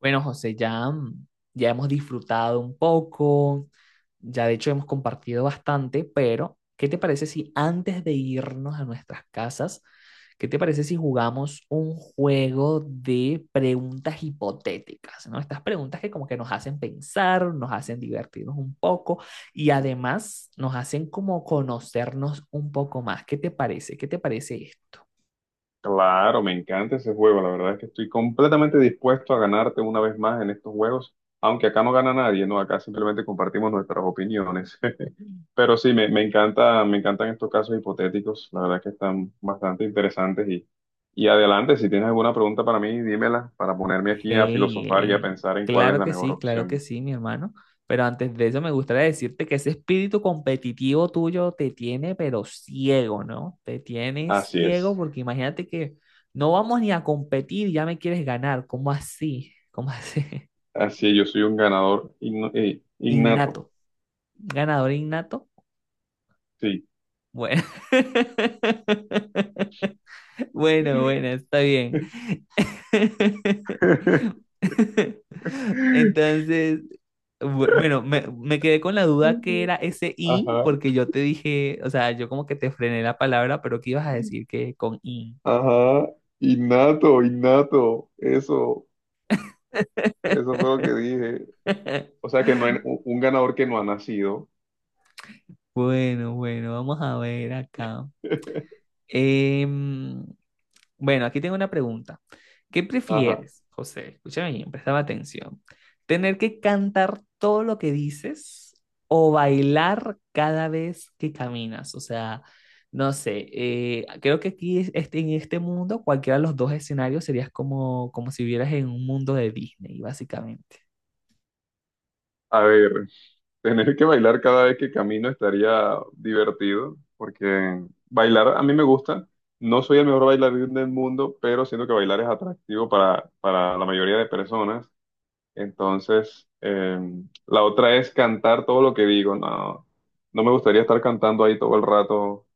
Bueno, José, ya, ya hemos disfrutado un poco, ya de hecho hemos compartido bastante, pero ¿qué te parece si antes de irnos a nuestras casas, qué te parece si jugamos un juego de preguntas hipotéticas, ¿no? Estas preguntas que como que nos hacen pensar, nos hacen divertirnos un poco y además nos hacen como conocernos un poco más. ¿Qué te parece? ¿Qué te parece esto? Claro, me encanta ese juego. La verdad es que estoy completamente dispuesto a ganarte una vez más en estos juegos, aunque acá no gana nadie, ¿no? Acá simplemente compartimos nuestras opiniones. Pero sí, me encanta, me encantan estos casos hipotéticos. La verdad es que están bastante interesantes y adelante, si tienes alguna pregunta para mí, dímela para ponerme aquí a Hey, filosofar y a hey, pensar en cuál es la mejor claro que opción. sí, mi hermano. Pero antes de eso me gustaría decirte que ese espíritu competitivo tuyo te tiene, pero ciego, ¿no? Te tiene Así ciego es. porque imagínate que no vamos ni a competir, ya me quieres ganar. ¿Cómo así? ¿Cómo así? Así es, yo soy un ganador innato. Innato. ¿Ganador innato? Sí. Bueno. Bueno, bueno, está bien. Entonces, bueno, me quedé con la duda que era ese in, Ajá. porque yo te dije, o sea, yo como que te frené la palabra, pero que ibas a decir que con in. Ajá, innato, innato, eso fue lo que dije. O sea que no hay un ganador que no ha nacido. Bueno, bueno, vamos a ver acá. Em, Bueno, aquí tengo una pregunta. ¿Qué Ajá. prefieres, José? Escúchame bien, prestaba atención. ¿Tener que cantar todo lo que dices o bailar cada vez que caminas? O sea, no sé, creo que aquí en este mundo cualquiera de los dos escenarios serías como, como si vivieras en un mundo de Disney, básicamente. A ver, tener que bailar cada vez que camino estaría divertido, porque bailar a mí me gusta. No soy el mejor bailarín del mundo, pero siento que bailar es atractivo para la mayoría de personas. Entonces, la otra es cantar todo lo que digo. No, no me gustaría estar cantando ahí todo el rato.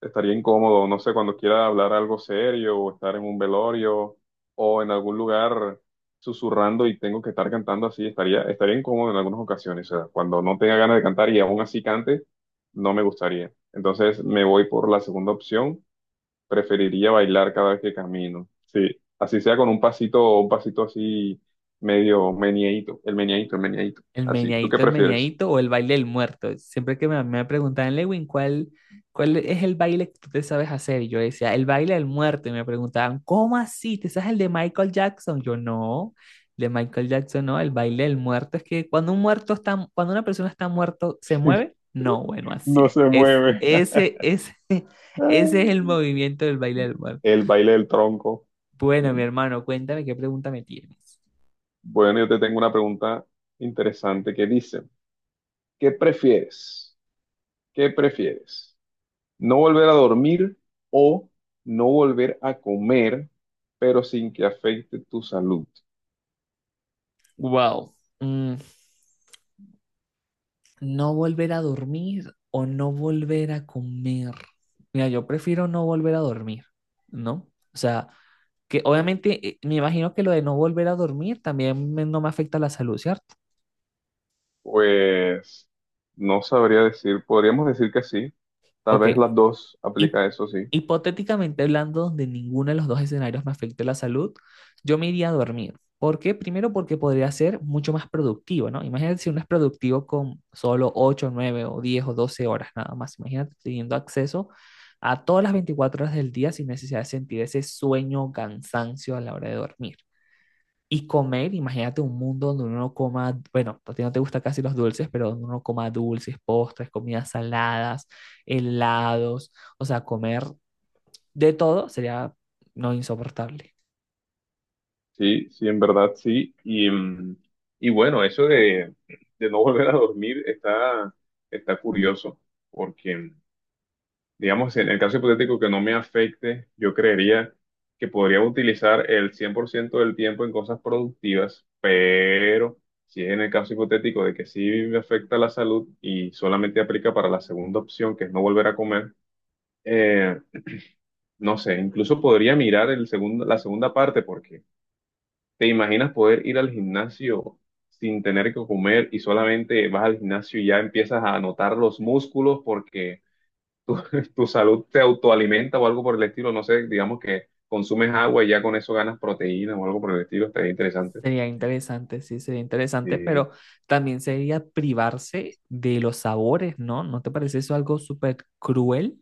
Estaría incómodo, no sé, cuando quiera hablar algo serio o estar en un velorio o en algún lugar susurrando y tengo que estar cantando así, estaría, estaría incómodo en algunas ocasiones. O sea, cuando no tenga ganas de cantar y aún así cante, no me gustaría. Entonces me voy por la segunda opción. Preferiría bailar cada vez que camino. Sí, así sea con un pasito así medio meneadito, el meneadito, el meneadito. Así, ¿tú qué El prefieres? meneadito o el baile del muerto. Siempre que me preguntaban, Lewin, ¿cuál es el baile que tú te sabes hacer? Y yo decía, el baile del muerto. Y me preguntaban, ¿cómo así? ¿Te sabes el de Michael Jackson? Yo no, el de Michael Jackson no, el baile del muerto es que cuando un muerto está, cuando una persona está muerto, ¿se mueve? No, bueno, No así. se mueve. Ese es el movimiento del baile del muerto. El baile del tronco. Bueno, mi hermano, cuéntame qué pregunta me tienes. Bueno, yo te tengo una pregunta interesante que dice, ¿qué prefieres? ¿Qué prefieres? ¿No volver a dormir o no volver a comer, pero sin que afecte tu salud? Wow. Mm, no volver a dormir o no volver a comer. Mira, yo prefiero no volver a dormir, ¿no? O sea, que obviamente me imagino que lo de no volver a dormir también no me afecta la salud, ¿cierto? Pues no sabría decir, podríamos decir que sí, tal Ok, vez las dos Hip- aplica eso, sí, Hipotéticamente hablando, donde ninguno de los dos escenarios me afecte la salud, yo me iría a dormir. ¿Por qué? Primero porque podría ser mucho más productivo, ¿no? Imagínate si uno es productivo con solo 8, 9 o 10 o 12 horas nada más. Imagínate teniendo acceso a todas las 24 horas del día sin necesidad de sentir ese sueño o cansancio a la hora de dormir. Y comer, imagínate un mundo donde uno no coma, bueno, a ti no te gustan casi los dulces, pero donde uno coma dulces, postres, comidas saladas, helados, o sea, comer de todo sería no insoportable. sí, sí, en verdad sí. Y, y bueno, eso de no volver a dormir está, está curioso, porque digamos, en el caso hipotético que no me afecte, yo creería que podría utilizar el 100% del tiempo en cosas productivas, pero si es en el caso hipotético de que sí me afecta la salud y solamente aplica para la segunda opción, que es no volver a comer, eh, no sé, incluso podría mirar el segundo, la segunda parte, porque te imaginas poder ir al gimnasio sin tener que comer y solamente vas al gimnasio y ya empiezas a notar los músculos porque tu, tu salud te autoalimenta o algo por el estilo, no sé, digamos que consumes agua y ya con eso ganas proteína o algo por el estilo, estaría interesante. Sería interesante, sí, sería interesante, Eh, pero también sería privarse de los sabores, ¿no? ¿No te parece eso algo súper cruel?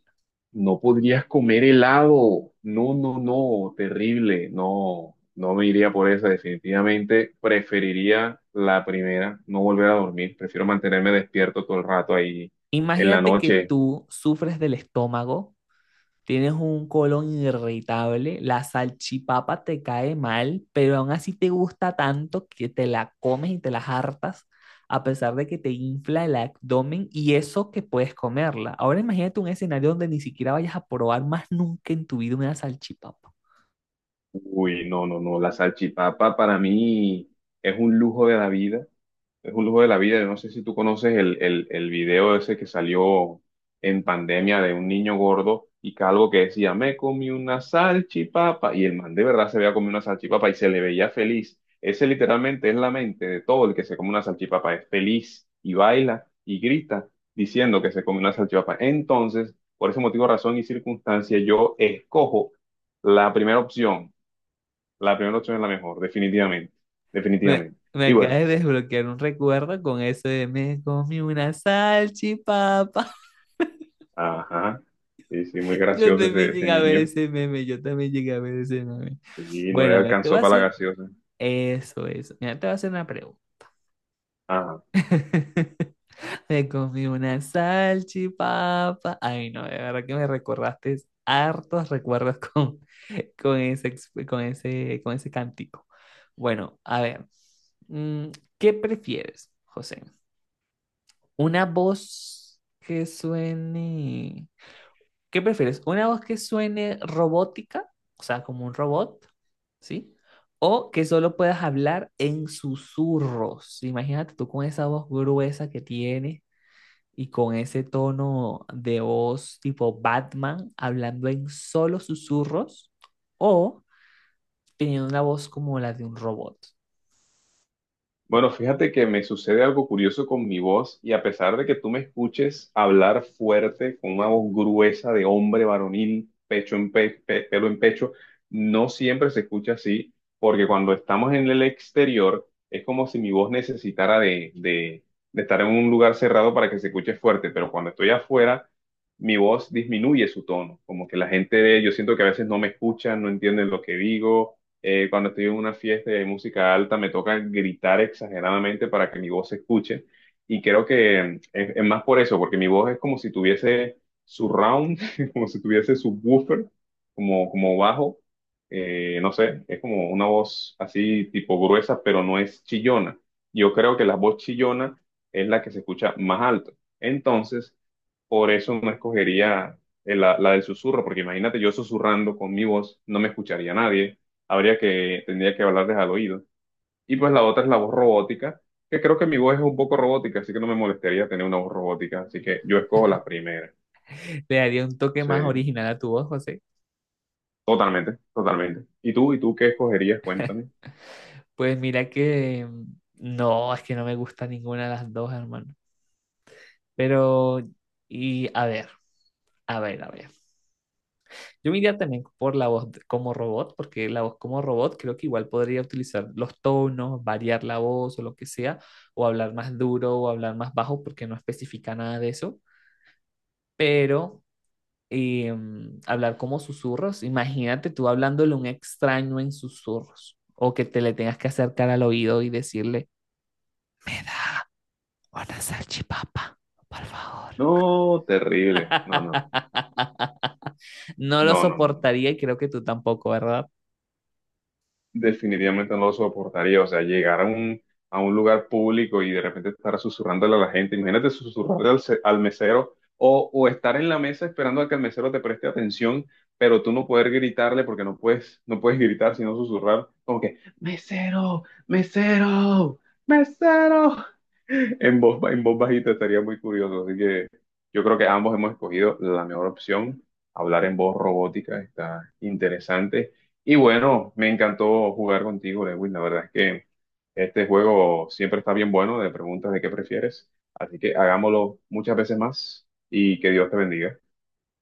no podrías comer helado, no, no, no, terrible, no, no me iría por esa, definitivamente preferiría la primera, no volver a dormir, prefiero mantenerme despierto todo el rato ahí en la Imagínate que noche. tú sufres del estómago. Tienes un colon irritable, la salchipapa te cae mal, pero aún así te gusta tanto que te la comes y te las hartas, a pesar de que te infla el abdomen y eso que puedes comerla. Ahora imagínate un escenario donde ni siquiera vayas a probar más nunca en tu vida una salchipapa. Uy, no, no, no, la salchipapa para mí es un lujo de la vida. Es un lujo de la vida. Yo no sé si tú conoces el video ese que salió en pandemia de un niño gordo y calvo que decía, me comí una salchipapa. Y el man de verdad se veía comido una salchipapa y se le veía feliz. Ese literalmente es la mente de todo el que se come una salchipapa. Es feliz y baila y grita diciendo que se come una salchipapa. Entonces, por ese motivo, razón y circunstancia, yo escojo la primera opción. La primera opción es la mejor, definitivamente. Me, Definitivamente. me Y acabas bueno. de desbloquear un recuerdo con eso de me comí una salchipapa. Ajá. Sí, sí, muy Yo gracioso ese, también ese llegué a ver niño. ese meme, yo también llegué a ver ese meme. Sí, no le Bueno, a ver, te voy alcanzó a para la hacer gaseosa. eso, eso. Mira, te voy a hacer una pregunta. Ajá. Me comí una salchipapa. Ay, no, de verdad que me recordaste hartos recuerdos con ese, ex- con ese cántico. Bueno, a ver, mm, ¿qué prefieres, José? ¿Una voz que suene ¿Qué prefieres? ¿Una voz que suene robótica? O sea, como un robot, ¿sí? O que solo puedas hablar en susurros. Imagínate tú con esa voz gruesa que tienes y con ese tono de voz tipo Batman hablando en solo susurros o teniendo una voz como la de un robot. Bueno, fíjate que me sucede algo curioso con mi voz y a pesar de que tú me escuches hablar fuerte con una voz gruesa de hombre varonil, pecho en pe- pe- pelo en pecho, no siempre se escucha así, porque cuando estamos en el exterior es como si mi voz necesitara de estar en un lugar cerrado para que se escuche fuerte, pero cuando estoy afuera, mi voz disminuye su tono, como que la gente, yo siento que a veces no me escuchan, no entienden lo que digo. Cuando estoy en una fiesta de música alta me toca gritar exageradamente para que mi voz se escuche. Y creo que es más por eso, porque mi voz es como si tuviese surround, como si tuviese subwoofer, como, como bajo. No sé, es como una voz así tipo gruesa, pero no es chillona. Yo creo que la voz chillona es la que se escucha más alto. Entonces, por eso no escogería la del susurro, porque imagínate yo susurrando con mi voz, no me escucharía nadie. Habría que, tendría que hablarles al oído. Y pues la otra es la voz robótica, que creo que mi voz es un poco robótica, así que no me molestaría tener una voz robótica, así que yo escojo la primera. Le daría un toque Sí, más original a tu voz, José. totalmente, totalmente. ¿Y tú? ¿Y tú qué escogerías? Cuéntame. Pues mira que no, es que no me gusta ninguna de las dos, hermano. Pero, y a ver, a ver, a ver. Yo me iría también por la voz como robot, porque la voz como robot creo que igual podría utilizar los tonos, variar la voz o lo que sea, o hablar más duro o hablar más bajo, porque no especifica nada de eso. Pero eh, hablar como susurros, imagínate tú hablándole a un extraño en susurros, o que te le tengas que acercar al oído y decirle, me da una salchipapa, por favor. No, terrible. No, no, No lo no, no, no, no, no. soportaría y creo que tú tampoco, ¿verdad? Definitivamente no lo soportaría. O sea, llegar a un lugar público y de repente estar susurrándole a la gente. Imagínate susurrarle al, al mesero o estar en la mesa esperando a que el mesero te preste atención, pero tú no poder gritarle porque no puedes, no puedes gritar, sino susurrar como que, mesero, mesero, mesero. En voz bajita estaría muy curioso, así que yo creo que ambos hemos escogido la mejor opción. Hablar en voz robótica está interesante. Y bueno, me encantó jugar contigo, Lewin. La verdad es que este juego siempre está bien bueno de preguntas de qué prefieres. Así que hagámoslo muchas veces más y que Dios te bendiga.